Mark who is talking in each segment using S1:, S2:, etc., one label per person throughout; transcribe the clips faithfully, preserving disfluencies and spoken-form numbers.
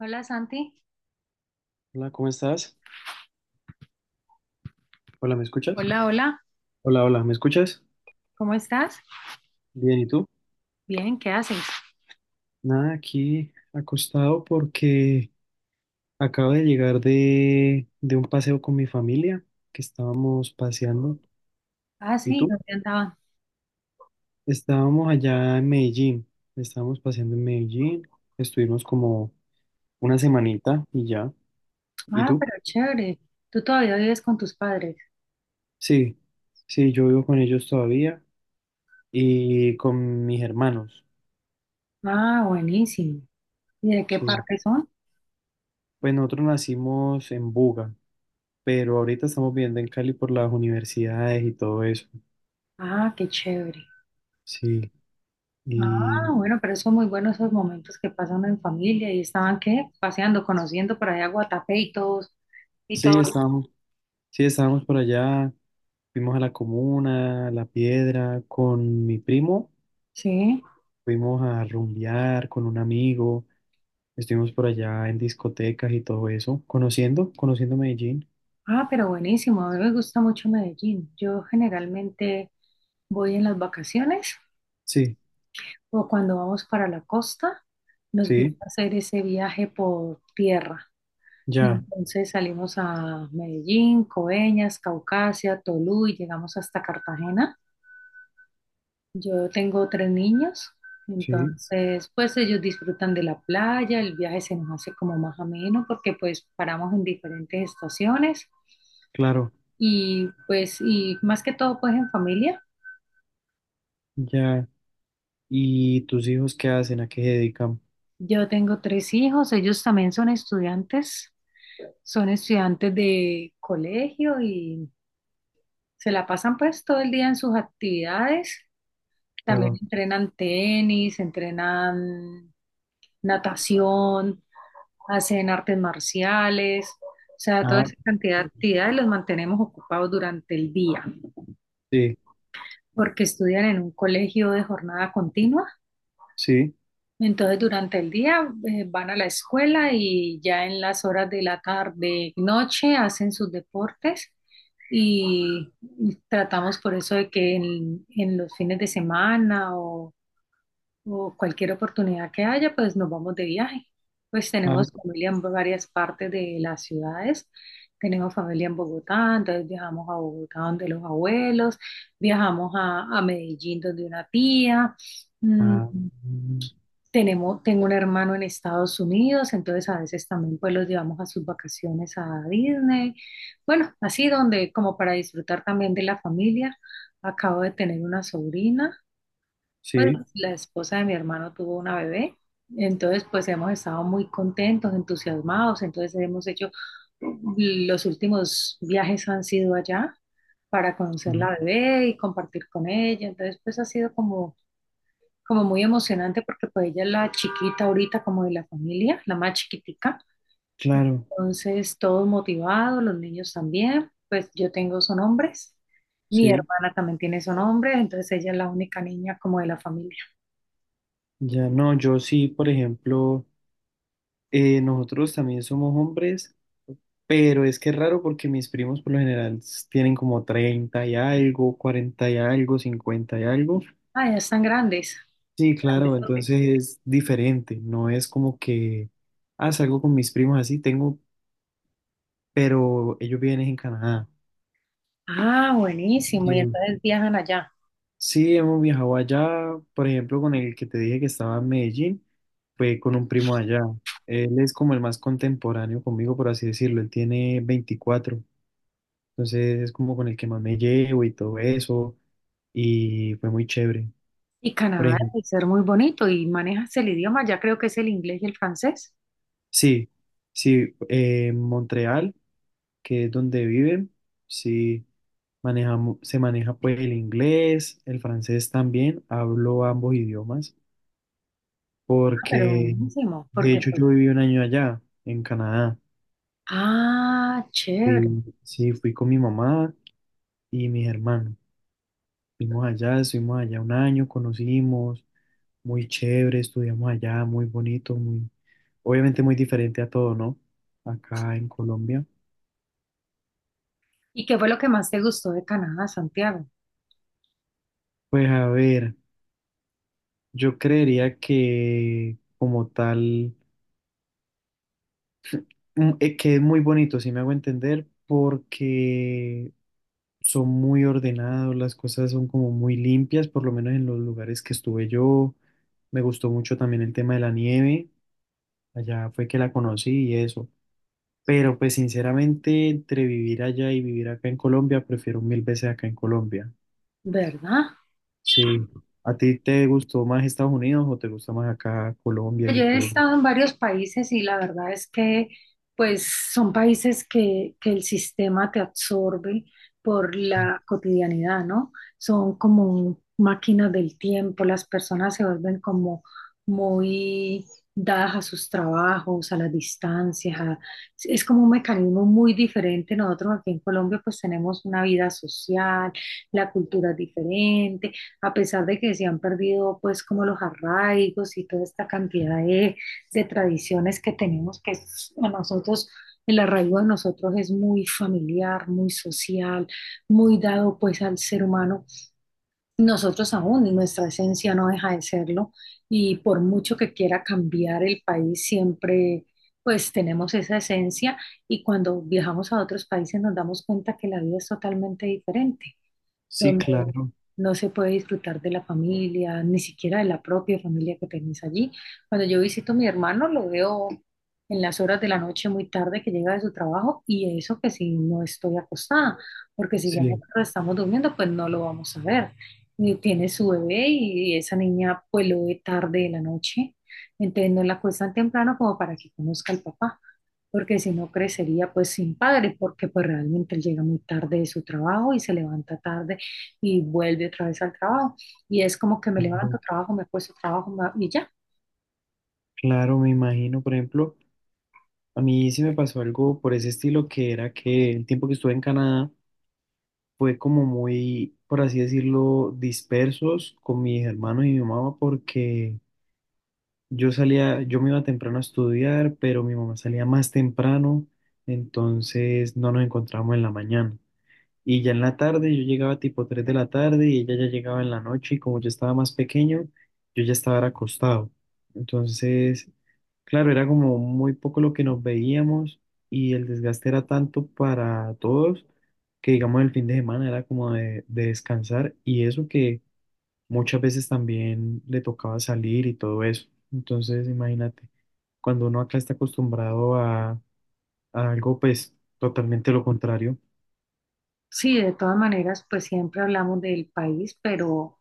S1: Hola, Santi.
S2: Hola, ¿cómo estás? Hola, ¿me escuchas?
S1: Hola, hola,
S2: Hola, hola, ¿me escuchas?
S1: ¿cómo estás?
S2: Bien, ¿y tú?
S1: Bien, ¿qué haces?
S2: Nada, aquí acostado porque acabo de llegar de, de un paseo con mi familia, que estábamos paseando.
S1: Ah,
S2: ¿Y
S1: sí,
S2: tú?
S1: ¿dónde andaban?
S2: Estábamos allá en Medellín, estábamos paseando en Medellín, estuvimos como una semanita y ya. ¿Y
S1: Ah,
S2: tú?
S1: pero chévere, tú todavía vives con tus padres.
S2: Sí, sí, yo vivo con ellos todavía y con mis hermanos,
S1: Ah, buenísimo. ¿Y de qué
S2: sí.
S1: parte son?
S2: Pues nosotros nacimos en Buga, pero ahorita estamos viendo en Cali por las universidades y todo eso.
S1: Ah, qué chévere.
S2: Sí,
S1: Ah,
S2: y
S1: bueno, pero son muy buenos esos momentos que pasan en familia. Y estaban, ¿qué? Paseando, conociendo por allá Guatapé y todos, y
S2: sí,
S1: todos.
S2: estábamos, sí, estábamos por allá, fuimos a la comuna, a La Piedra, con mi primo,
S1: Sí.
S2: fuimos a rumbear con un amigo, estuvimos por allá en discotecas y todo eso, conociendo, conociendo Medellín.
S1: Ah, pero buenísimo, a mí me gusta mucho Medellín. Yo generalmente voy en las vacaciones
S2: Sí,
S1: o cuando vamos para la costa, nos gusta
S2: sí,
S1: hacer ese viaje por tierra. Y
S2: ya,
S1: entonces salimos a Medellín, Coveñas, Caucasia, Tolú y llegamos hasta Cartagena. Yo tengo tres niños,
S2: sí,
S1: entonces pues ellos disfrutan de la playa, el viaje se nos hace como más ameno porque pues paramos en diferentes estaciones
S2: claro,
S1: y pues y más que todo pues en familia.
S2: ya. ¿Y tus hijos qué hacen? ¿A qué se dedican?
S1: Yo tengo tres hijos, ellos también son estudiantes. Son estudiantes de colegio y se la pasan pues todo el día en sus actividades. También
S2: Claro.
S1: entrenan tenis, entrenan natación, hacen artes marciales. O sea, toda
S2: Ah,
S1: esa cantidad de actividades los mantenemos ocupados durante el día,
S2: sí,
S1: porque estudian en un colegio de jornada continua.
S2: sí.
S1: Entonces, durante el día eh, van a la escuela y ya en las horas de la tarde, noche, hacen sus deportes y tratamos por eso de que en, en los fines de semana o, o cualquier oportunidad que haya, pues nos vamos de viaje. Pues
S2: Ah,
S1: tenemos familia en varias partes de las ciudades. Tenemos familia en Bogotá, entonces viajamos a Bogotá donde los abuelos, viajamos a, a Medellín donde una tía. Mm,
S2: ah, mm.
S1: tenemos, tengo un hermano en Estados Unidos, entonces a veces también pues los llevamos a sus vacaciones a Disney. Bueno, así donde como para disfrutar también de la familia. Acabo de tener una sobrina, pues
S2: Sí,
S1: la esposa de mi hermano tuvo una bebé, entonces pues hemos estado muy contentos, entusiasmados, entonces hemos hecho, los últimos viajes han sido allá para conocer
S2: sí,
S1: la bebé y compartir con ella, entonces pues ha sido como como muy emocionante porque pues ella es la chiquita ahorita como de la familia, la más chiquitica.
S2: claro,
S1: Entonces todos motivados, los niños también, pues yo tengo son hombres, mi
S2: sí.
S1: hermana también tiene son hombres, entonces ella es la única niña como de la familia.
S2: Ya no, yo sí, por ejemplo, eh, nosotros también somos hombres, pero es que es raro porque mis primos por lo general s- tienen como treinta y algo, cuarenta y algo, cincuenta y algo.
S1: Ah, ya están grandes,
S2: Sí, claro,
S1: grandesotes.
S2: entonces es diferente, no es como que, ah, salgo con mis primos así, tengo, pero ellos viven es en Canadá.
S1: Ah, buenísimo, y
S2: Sí.
S1: entonces viajan allá.
S2: Sí, hemos viajado allá, por ejemplo, con el que te dije que estaba en Medellín, fue con un primo allá. Él es como el más contemporáneo conmigo, por así decirlo, él tiene veinticuatro, entonces es como con el que más me llevo y todo eso, y fue muy chévere.
S1: Y
S2: Por
S1: Canadá
S2: ejemplo,
S1: debe ser muy bonito y manejas el idioma, ya creo que es el inglés y el francés.
S2: sí, sí, eh, Montreal, que es donde viven, sí, manejamos, se maneja pues el inglés, el francés también, hablo ambos idiomas,
S1: Ah, pero
S2: porque
S1: buenísimo,
S2: de
S1: porque
S2: hecho
S1: pues,
S2: yo viví un año allá, en Canadá.
S1: ah, chévere.
S2: Fui- sí, fui con mi mamá y mis hermanos. Fuimos allá, estuvimos allá un año, conocimos, muy chévere, estudiamos allá, muy bonito, muy, obviamente muy diferente a todo, ¿no? Acá en Colombia.
S1: ¿Y qué fue lo que más te gustó de Canadá, Santiago?
S2: Pues a ver, yo creería que como tal... mm, eh, que es muy bonito, si me hago entender, porque son muy ordenados, las cosas son como muy limpias, por lo menos en los lugares que estuve yo. Me gustó mucho también el tema de la nieve, allá fue que la conocí y eso. Pero pues sinceramente, entre vivir allá y vivir acá en Colombia, prefiero mil veces acá en Colombia.
S1: ¿Verdad?
S2: Sí, ¿a ti te gustó más Estados Unidos o te gusta más acá Colombia
S1: Pues yo
S2: y
S1: he
S2: todo eso?
S1: estado en varios países y la verdad es que pues son países que, que el sistema te absorbe por
S2: Sí,
S1: la cotidianidad, ¿no? Son como máquinas del tiempo, las personas se vuelven como muy dadas a sus trabajos, a las distancias, a- es como un mecanismo muy diferente. Nosotros aquí en Colombia pues tenemos una vida social, la cultura es diferente. A pesar de que se han perdido pues como los arraigos y toda esta cantidad de, de tradiciones que tenemos, que es- a nosotros, el arraigo de nosotros es muy familiar, muy social, muy dado pues al ser humano. Nosotros aún, en nuestra esencia no deja de serlo y por mucho que quiera cambiar el país, siempre pues tenemos esa esencia y cuando viajamos a otros países nos damos cuenta que la vida es totalmente diferente
S2: sí,
S1: donde
S2: claro,
S1: no se puede disfrutar de la familia, ni siquiera de la propia familia que tenés allí. Cuando yo visito a mi hermano, lo veo en las horas de la noche muy tarde que llega de su trabajo y eso que si no estoy acostada, porque si ya
S2: sí,
S1: nosotros estamos durmiendo, pues no lo vamos a ver. Y tiene su bebé y esa niña pues lo ve tarde de la noche, entonces no la acuestan temprano como para que conozca al papá porque si no crecería pues sin padre, porque pues realmente él llega muy tarde de su trabajo y se levanta tarde y vuelve otra vez al trabajo. Y es como que me levanto,
S2: claro,
S1: trabajo, me puesto trabajo ma- y ya.
S2: claro, me imagino, por ejemplo. A mí sí me pasó algo por ese estilo que era que el tiempo que estuve en Canadá fue como muy, por así decirlo, dispersos con mis hermanos y mi mamá porque yo salía, yo me iba temprano a estudiar, pero mi mamá salía más temprano, entonces no nos encontramos en la mañana. Y ya en la tarde, yo llegaba tipo tres de la tarde y ella ya llegaba en la noche y como yo estaba más pequeño, yo ya estaba acostado. Entonces, claro, era como muy poco lo que nos veíamos y el desgaste era tanto para todos que digamos el fin de semana era como de, de descansar y eso que muchas veces también le tocaba salir y todo eso. Entonces, imagínate, cuando uno acá está acostumbrado a, a algo, pues totalmente lo contrario.
S1: Sí, de todas maneras, pues siempre hablamos del país, pero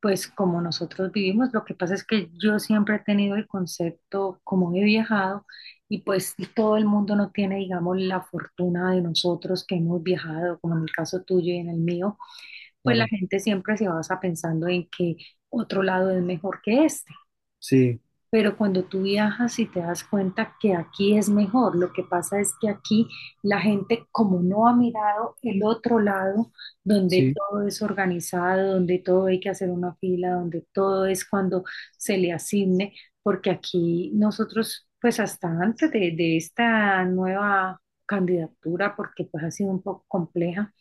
S1: pues como nosotros vivimos, lo que pasa es que yo siempre he tenido el concepto, como he viajado, y pues todo el mundo no tiene, digamos, la fortuna de nosotros que hemos viajado, como en el caso tuyo y en el mío, pues la
S2: Claro,
S1: gente siempre se basa pensando en que otro lado es mejor que este.
S2: sí,
S1: Pero cuando tú viajas y te das cuenta que aquí es mejor, lo que pasa es que aquí la gente como no ha mirado el otro lado, donde
S2: sí.
S1: todo es organizado, donde todo hay que hacer una fila, donde todo es cuando se le asigne, porque aquí nosotros, pues hasta antes de, de esta nueva candidatura, porque pues ha sido un poco compleja,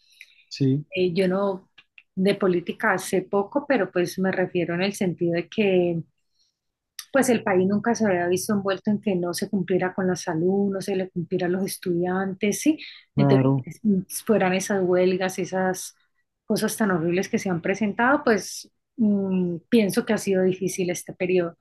S2: Sí,
S1: eh, yo no de política hace poco, pero pues me refiero en el sentido de que pues el país nunca se había visto envuelto en que no se cumpliera con la salud, no se le cumpliera a los estudiantes, ¿sí? Entonces,
S2: claro.
S1: es- fueran esas huelgas, esas cosas tan horribles que se han presentado, pues mm, pienso que ha sido difícil este periodo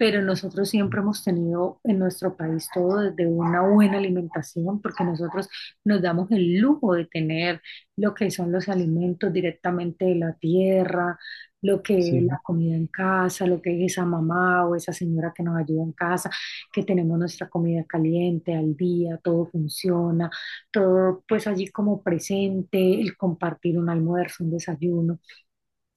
S1: pero nosotros siempre hemos tenido en nuestro país todo desde una buena alimentación, porque nosotros nos damos el lujo de tener lo que son los alimentos directamente de la tierra, lo que es la
S2: Sí,
S1: comida en casa, lo que es esa mamá o esa señora que nos ayuda en casa, que tenemos nuestra comida caliente al día, todo funciona, todo pues allí como presente, el compartir un almuerzo, un desayuno,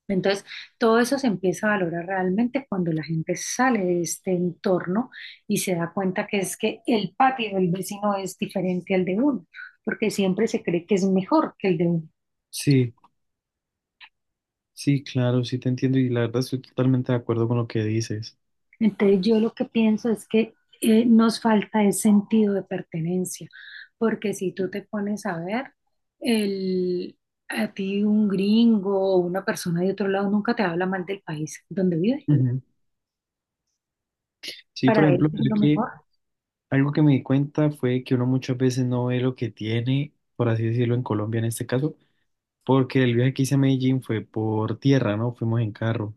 S1: entonces, todo eso se empieza a valorar realmente cuando la gente sale de este entorno y se da cuenta que es que el patio del vecino es diferente al de uno, porque siempre se cree que es mejor que el de uno.
S2: sí, sí, claro, sí te entiendo y la verdad estoy totalmente de acuerdo con lo que dices.
S1: Entonces, yo lo que pienso es que eh, nos falta ese sentido de pertenencia, porque si tú te pones a ver, el, a ti un gringo o una persona de otro lado nunca te habla mal del país donde vive.
S2: Ujú. Sí,
S1: Para
S2: por
S1: él
S2: ejemplo,
S1: es
S2: es
S1: lo
S2: que
S1: mejor.
S2: algo que me di cuenta fue que uno muchas veces no ve lo que tiene, por así decirlo, en Colombia en este caso, porque el viaje que hice a Medellín fue por tierra, ¿no? Fuimos en carro.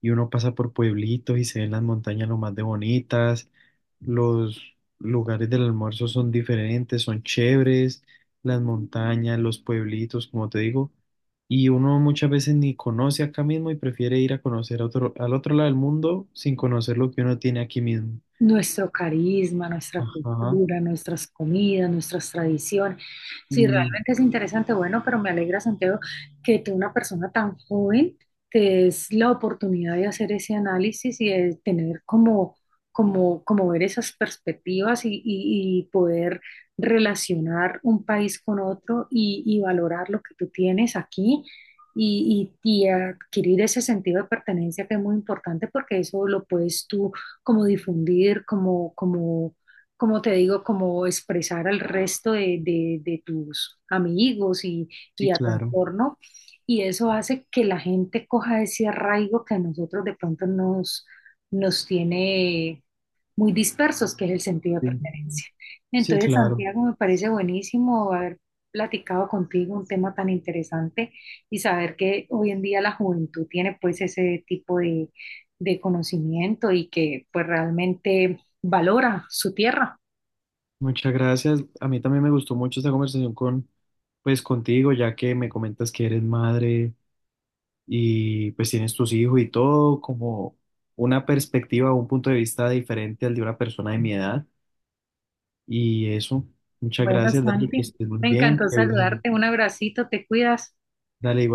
S2: Y uno pasa por pueblitos y se ven las montañas lo más de bonitas, los lugares del almuerzo son diferentes, son chéveres, las montañas, los pueblitos, como te digo, y uno muchas veces ni conoce acá mismo y prefiere ir a conocer a otro, al otro lado del mundo sin conocer lo que uno tiene aquí mismo.
S1: Nuestro carisma, nuestra
S2: Ajá,
S1: cultura, nuestras comidas, nuestras tradiciones. Sí,
S2: y
S1: realmente es interesante, bueno, pero me alegra, Santiago, que tú, una persona tan joven, te des la oportunidad de hacer ese análisis y de tener como, como, como ver esas perspectivas y, y- y poder relacionar un país con otro y, y valorar lo que tú tienes aquí. Y, y, y adquirir ese sentido de pertenencia que es muy importante porque eso lo puedes tú como difundir, como, como, como te digo, como expresar al resto de, de- de tus amigos y, y
S2: sí,
S1: a tu
S2: claro.
S1: entorno. Y eso hace que la gente coja ese arraigo que a nosotros de pronto nos, nos tiene muy dispersos, que es el sentido de
S2: Sí,
S1: pertenencia.
S2: sí,
S1: Entonces,
S2: claro.
S1: Santiago, me parece buenísimo haber platicado contigo un tema tan interesante y saber que hoy en día la juventud tiene pues ese tipo de, de conocimiento y que pues realmente valora su tierra.
S2: Muchas gracias. A mí también me gustó mucho esta conversación con, pues contigo, ya que me comentas que eres madre y pues tienes tus hijos y todo como una perspectiva o un punto de vista diferente al de una persona de mi edad. Y eso, muchas
S1: Bueno,
S2: gracias, Dani, que
S1: Santi,
S2: estés muy
S1: me
S2: bien.
S1: encantó
S2: Que viajes-
S1: saludarte, un abracito, te cuidas.
S2: Dale igual.